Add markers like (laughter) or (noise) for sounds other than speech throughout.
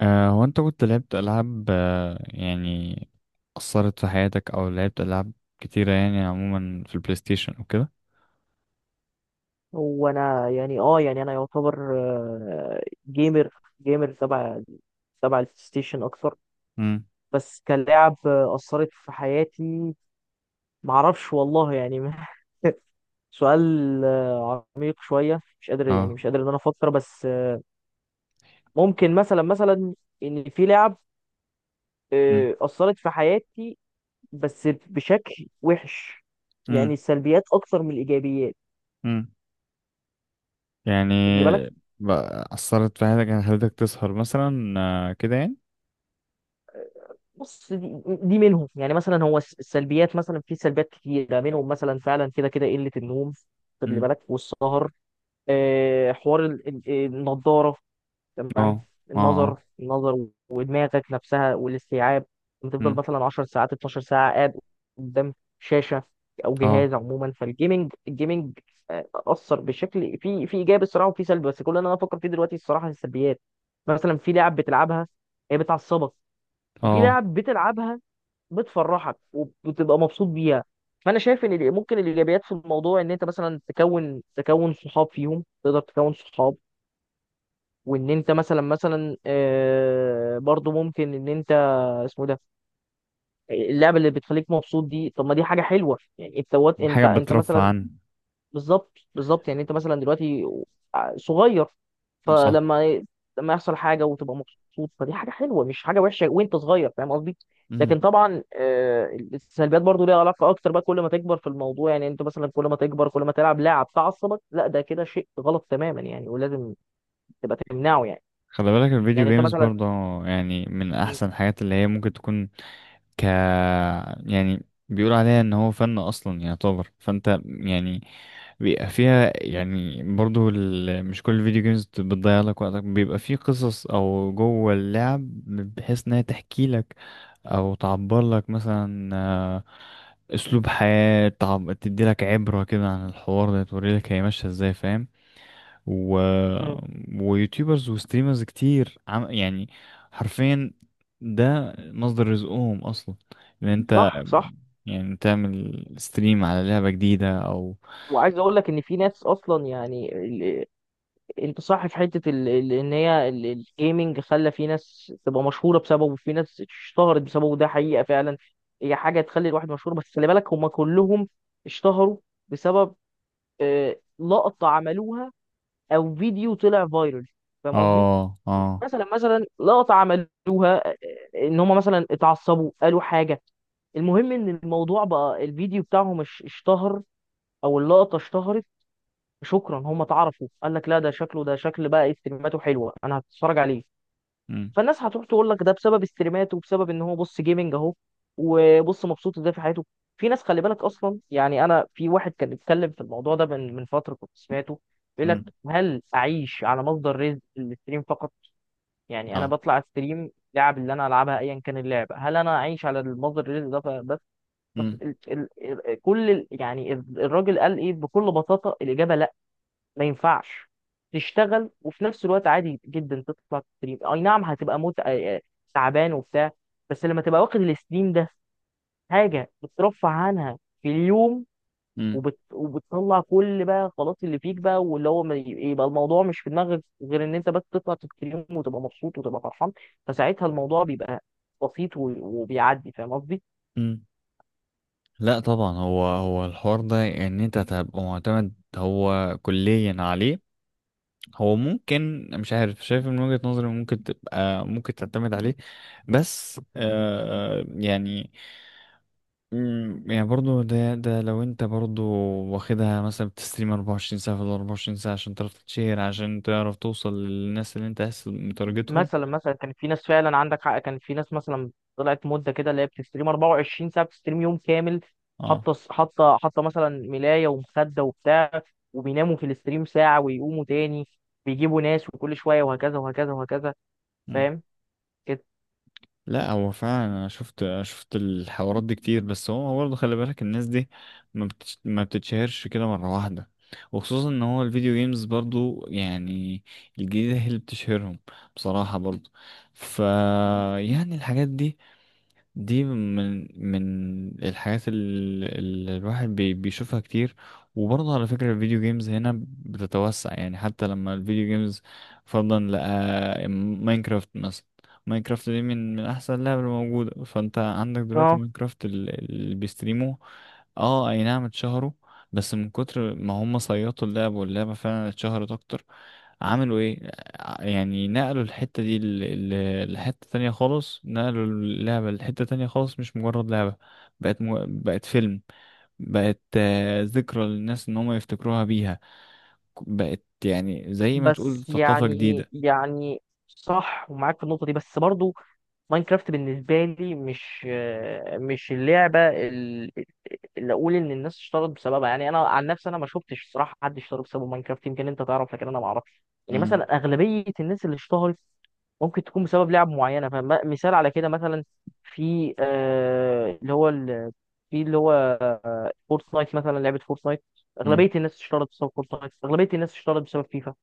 هو انت كنت لعبت ألعاب يعني أثرت في حياتك أو لعبت ألعاب كتيرة يعني عموما في البلاي ستيشن وكده. هو انا يعني يعني انا يعتبر جيمر جيمر تبع البلاي ستيشن اكتر. امم. بس كلاعب اثرت في حياتي. معرفش والله يعني. (laughs) سؤال عميق شويه، مش قادر يعني اه. مش قادر ان انا افكر، بس ممكن مثلا مثلا ان في لعب امم. اثرت في حياتي بس بشكل وحش. يعني امم. السلبيات اكتر من الايجابيات. امم. يعني خلي بالك، بقى أثرت في حياتك، يعني خلتك تسهر مثلا كده يعني. بص دي منهم، يعني مثلا هو السلبيات، مثلا في سلبيات كتيرة منهم مثلا فعلا كده كده قلة النوم. خد لي امم. بالك، والسهر. حوار النضارة. تمام. اه. النظر اه. النظر ودماغك نفسها والاستيعاب. بتفضل امم. مثلا 10 ساعات، 12 ساعة قاعد قدام شاشة أو اه. امم. جهاز عموما. فالجيمنج أثر بشكل في إيجابي الصراحة وفي سلبي، بس كل اللي أنا بفكر فيه دلوقتي الصراحة السلبيات. مثلا في لعب بتلعبها هي بتعصبك، اه. وفي اه. لعب بتلعبها بتفرحك وبتبقى مبسوط بيها. فانا شايف ان ممكن الايجابيات في الموضوع ان انت مثلا تكون صحاب فيهم، تقدر تكون صحاب، وان انت مثلا مثلا برضو ممكن ان انت، اسمه إيه ده، اللعبه اللي بتخليك مبسوط دي، طب ما دي حاجه حلوه يعني. انت وات- انت حاجة انت بترفع مثلا، عن. بالظبط، بالظبط، يعني انت مثلا دلوقتي صغير، صح. فلما يحصل حاجه وتبقى مبسوط فدي حاجه حلوه مش حاجه وحشه وانت صغير، فاهم قصدي؟ امم. لكن طبعا السلبيات برضو ليها علاقه اكتر بقى، كل ما تكبر في الموضوع يعني، انت مثلا كل ما تكبر كل ما تلعب لعب تعصبك، لا ده كده شيء غلط تماما يعني، ولازم تبقى تمنعه يعني. خلي بالك الفيديو يعني انت جيمز مثلا برضه يعني من م- أحسن الحاجات اللي هي ممكن تكون. ك. يعني بيقول عليها ان هو فن اصلا يعتبر، فانت يعني بيبقى فيها يعني برضو مش كل الفيديو جيمز بتضيع لك وقتك، بيبقى فيه قصص او جوه اللعب بحيث انها تحكي لك او تعبر لك مثلا اسلوب حياة تدي لك عبرة كده عن الحوار ده، توري لك هي ماشية ازاي فاهم. و... م- ويوتيوبرز وستريمرز كتير يعني حرفيا ده مصدر رزقهم اصلا، ان انت صح، صح، يعني تعمل ستريم على لعبة جديدة او. وعايز اقول لك ان في ناس اصلا يعني، انت صح في حته ان هي الجيمنج خلى في ناس تبقى مشهوره بسببه، وفي ناس اشتهرت بسببه، ده حقيقه فعلا. هي حاجه تخلي الواحد مشهور، بس خلي بالك هم كلهم اشتهروا بسبب لقطه عملوها او فيديو طلع فايرال. فاهم قصدي؟ اه. اه. يعني مثلا مثلا لقطه عملوها ان هم مثلا اتعصبوا قالوا حاجه، المهم ان الموضوع بقى الفيديو بتاعهم اشتهر او اللقطه اشتهرت. شكرا، هم اتعرفوا. قال لك لا ده شكله، ده شكل بقى ايه، استريماته حلوه انا هتفرج عليه. مم. فالناس هتروح تقول لك ده بسبب استريماته، وبسبب ان هو بص جيمنج اهو وبص مبسوط ازاي في حياته. في ناس خلي بالك اصلا يعني، انا في واحد كان بيتكلم في الموضوع ده من فتره كنت سمعته، بيقول مم. لك هل اعيش على مصدر رزق الاستريم فقط؟ يعني انا اه. بطلع استريم لعب اللي انا العبها ايا كان اللعبه، هل انا اعيش على المصدر الرزق ده؟ بس بس مم. يعني الراجل قال ايه بكل بساطه، الاجابه لا. ما ينفعش تشتغل وفي نفس الوقت عادي جدا تطلع تستريم. اي نعم هتبقى موت تعبان وبتاع، بس لما تبقى واخد الستريم ده حاجه بترفع عنها في اليوم، مم. وبتطلع كل بقى، خلاص اللي فيك بقى، واللي هو ما ي- يبقى الموضوع مش في دماغك غير ان انت بس تطلع تستريم وتبقى مبسوط وتبقى فرحان. فساعتها الموضوع بيبقى بسيط و... وبيعدي، فاهم قصدي؟ مم. لا طبعا، هو الحوار ده ان انت تبقى معتمد هو كليا عليه، هو ممكن مش عارف شايف من وجهة نظري ممكن تبقى ممكن تعتمد عليه، بس يعني برضو ده لو انت برضو واخدها مثلا بتستريم 24 ساعة في ال 24 ساعة عشان تعرف تتشهر، عشان تعرف توصل للناس اللي انت عايز متارجتهم. مثلا مثلا كان في ناس فعلا عندك حق، كان في ناس مثلا طلعت مده كده اللي هي بتستريم 24 ساعه، بتستريم يوم كامل، اه. حاطه مثلا ملايه ومخده وبتاع، وبيناموا في الاستريم ساعه ويقوموا تاني، بيجيبوا ناس وكل شويه، وهكذا وهكذا وهكذا. مم. فاهم كده؟ لا هو فعلا انا شفت الحوارات دي كتير، بس هو برضه خلي بالك الناس دي ما بتتشهرش كده مرة واحدة، وخصوصا ان هو الفيديو جيمز برضو يعني الجديدة هي اللي بتشهرهم بصراحة برضو. ف يعني الحاجات دي، دي من الحاجات اللي الواحد بيشوفها كتير. وبرضه على فكرة الفيديو جيمز هنا بتتوسع، يعني حتى لما الفيديو جيمز فرضا لقى ماينكرافت مثلا. ماينكرافت دي من احسن اللعبة الموجودة، فانت عندك دلوقتي اه، ماينكرافت اللي بيستريموه. اه اي نعم اتشهروا، بس من كتر ما هم صيطوا اللعبة واللعبة فعلا اتشهرت اكتر عملوا ايه، يعني نقلوا الحتة دي لحتة تانية خالص، نقلوا اللعبة لحتة تانية خالص مش مجرد لعبة، بقت فيلم، بقت ذكرى للناس ان هم يفتكروها بيها، بقت يعني زي ما تقول بس ثقافة يعني جديدة. صح ومعاك في النقطه دي، بس برضو ماينكرافت بالنسبه لي مش اللعبه اللي اقول ان الناس اشترت بسببها. يعني انا عن نفسي انا ما شفتش الصراحه حد اشترى بسبب ماينكرافت، يمكن انت تعرف لكن انا ما اعرفش، يعني مم. مثلا اغلبيه الناس اللي اشتهرت ممكن تكون بسبب لعب معينه. فمثال على كده مثلا، في اللي هو في اللي هو فورتنايت، مثلا لعبه فورتنايت، مم. اغلبيه الناس اشتهرت بسبب فورتنايت، اغلبيه الناس اشتهرت بسبب فيفا.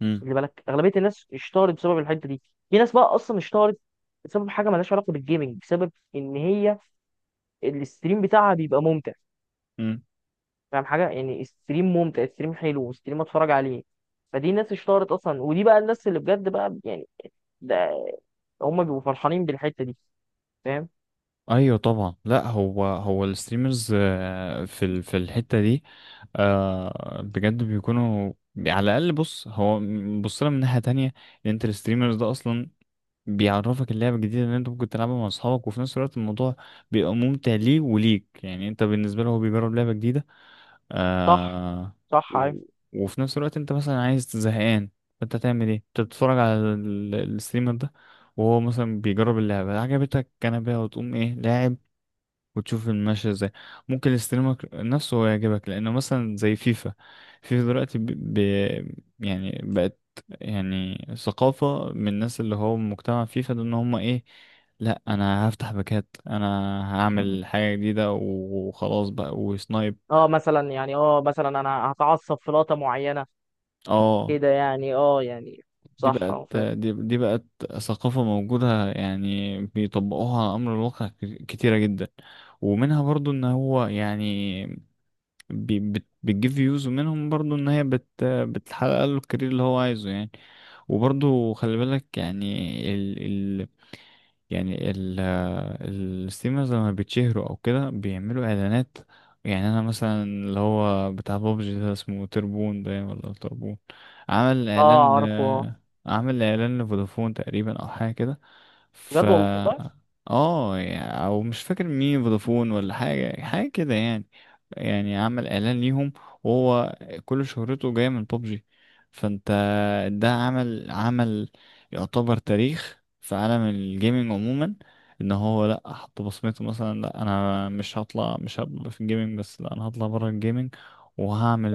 مم. خلي بالك اغلبيه الناس اشتهرت بسبب الحته دي، في ناس بقى اصلا اشتهرت بسبب حاجه مالهاش علاقه بالجيمنج، بسبب ان هي الاستريم بتاعها بيبقى ممتع. مم. فاهم حاجه يعني، الستريم ممتع، الستريم حلو، والستريم اتفرج عليه. فدي الناس اشتهرت اصلا، ودي بقى الناس اللي بجد بقى يعني، ده هم بيبقوا فرحانين بالحته دي، فاهم؟ ايوه طبعا، لا هو الستريمرز في في الحته دي بجد بيكونوا على الاقل. بص، هو بص لها من ناحيه تانية، ان انت الستريمرز ده اصلا بيعرفك اللعبة الجديدة اللي انت ممكن تلعبها مع اصحابك، وفي نفس الوقت الموضوع بيبقى ممتع ليه وليك، يعني انت بالنسبة له هو بيجرب لعبة جديدة صح، آه. صح، عارف. و- وفي نفس الوقت انت مثلا عايز زهقان، فانت تعمل ايه، انت بتتفرج على الستريمر ده وهو مثلا بيجرب اللعبة، عجبتك كنبة وتقوم ايه لاعب وتشوف الماشية ازاي، ممكن يستلمك نفسه هو يعجبك لأنه مثلا زي فيفا. فيفا دلوقتي يعني بقت يعني ثقافة من الناس، اللي هو مجتمع فيفا ده ان هم ايه، لا انا هفتح باكات، انا هعمل حاجة جديدة وخلاص بقى وسنايب. اه، مثلا يعني اه مثلا انا هتعصب في لقطه معينه اه كده يعني، اه يعني صح، اه فاهم، دي بقت ثقافة موجودة، يعني بيطبقوها على أمر الواقع كتيرة جدا. ومنها برضو ان هو يعني بي بت بتجيب فيوز، ومنهم برضو ان هي بتحقق له الكارير اللي هو عايزه يعني. وبرضو خلي بالك يعني ال ال يعني الستريمرز لما بيتشهروا او كده بيعملوا اعلانات. يعني انا مثلا اللي هو بتاع بابجي ده اسمه تربون باين ولا تربون عمل اه اعلان ل عارفه، اه عمل اعلان لفودافون تقريبا او حاجه كده ف بجد والله. اه او مش فاكر مين فودافون ولا حاجه كده يعني. يعني عمل اعلان ليهم وهو كل شهرته جايه من ببجي، فانت ده عمل يعتبر تاريخ في عالم الجيمنج عموما، ان هو لا حط بصمته مثلا، لا انا مش هطلع، مش هبقى في الجيمنج بس، لا انا هطلع بره الجيمنج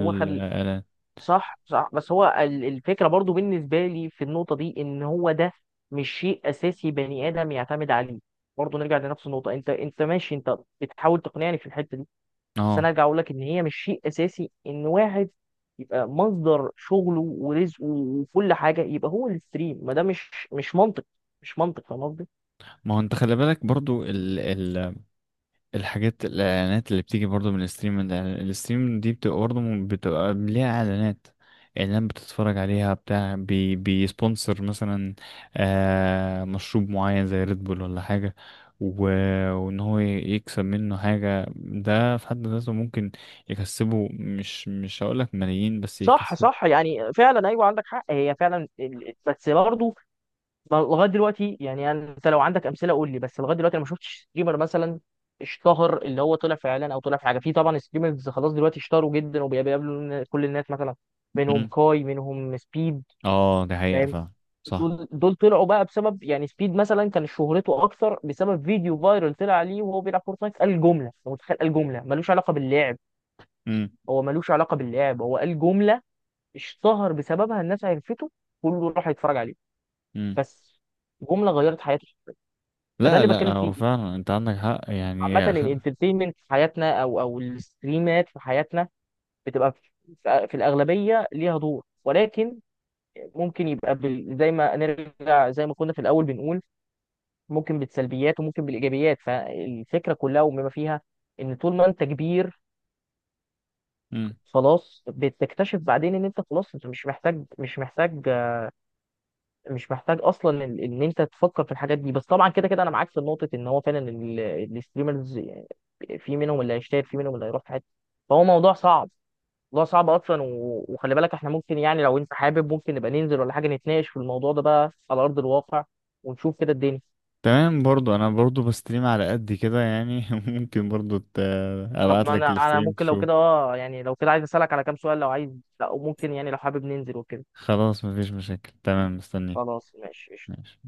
هو اعلان. صح، صح، بس هو الفكرة برضو بالنسبة لي في النقطة دي ان هو ده مش شيء اساسي بني ادم يعتمد عليه. برضو نرجع لنفس النقطة، انت ماشي، انت بتحاول تقنعني في الحتة دي، بس انا اه ارجع اقول لك ان هي مش شيء اساسي ان واحد يبقى مصدر شغله ورزقه وكل حاجة يبقى هو الستريم. ما ده مش منطق، مش منطق، فاهم قصدي؟ ما هو انت خلي بالك برضو الحاجات الاعلانات اللي بتيجي برضو من الستريم، الستريم دي بتبقى برضو بتبقى ليها اعلانات اعلان بتتفرج عليها بتاع بيسبونسر مثلا مشروب معين زي ريد بول ولا حاجة. و... وان هو يكسب منه حاجة، ده في حد ذاته ممكن يكسبه، مش هقولك ملايين بس صح، يكسب. صح، يعني فعلا ايوه عندك حق، هي فعلا بس برضه لغايه دلوقتي يعني، انت لو عندك امثله قول لي. بس لغايه دلوقتي انا ما شفتش ستريمر مثلا اشتهر اللي هو طلع في اعلان او طلع في حاجه، في طبعا ستريمرز خلاص دلوقتي اشتهروا جدا وبيقابلوا كل الناس مثلا، منهم مم. كاي منهم سبيد، اه دي حقيقة فاهم. فعلا. صح. دول طلعوا بقى بسبب يعني، سبيد مثلا كان شهرته اكثر بسبب فيديو فايرال طلع عليه وهو بيلعب فورتنايت، قال جمله، أنت متخيل؟ قال جمله ملوش علاقه باللعب، مم. هو ملوش علاقه باللعب، هو قال جمله اشتهر بسببها، الناس عرفته، كله راح يتفرج عليه، مم. بس جمله غيرت حياته. فده لا اللي لا بتكلم هو فيه، فعلا انت عندك حق يعني عامة يا أخي. الانترتينمنت في حياتنا او الستريمات في حياتنا بتبقى في الأغلبية ليها دور، ولكن ممكن يبقى زي ما نرجع زي ما كنا في الأول بنقول، ممكن بالسلبيات وممكن بالإيجابيات، فالفكرة كلها وبما فيها إن طول ما أنت كبير خلاص بتكتشف بعدين إن أنت خلاص أنت مش محتاج، مش محتاج، مش محتاج اصلا ان انت تفكر في الحاجات دي. بس طبعا كده كده انا معاك في نقطه ان هو فعلا الستريمرز في منهم اللي هيشتغل في منهم اللي هيروح في حته، فهو موضوع صعب، موضوع صعب اصلا. و- وخلي بالك احنا ممكن يعني، لو انت حابب ممكن نبقى ننزل ولا حاجه نتناقش في الموضوع ده بقى على ارض الواقع، ونشوف كده الدنيا. تمام، برضو انا برضو بستريم على قد كده يعني (laughs) ممكن برضو طب ابعت ما انا لك انا الستريم ممكن لو كده تشوف. يعني لو كده عايز اسالك على كام سؤال لو عايز، لا ممكن يعني لو حابب ننزل وكده. خلاص مفيش مشاكل تمام مستنيك. خلاص ماشي قشطة. ماشي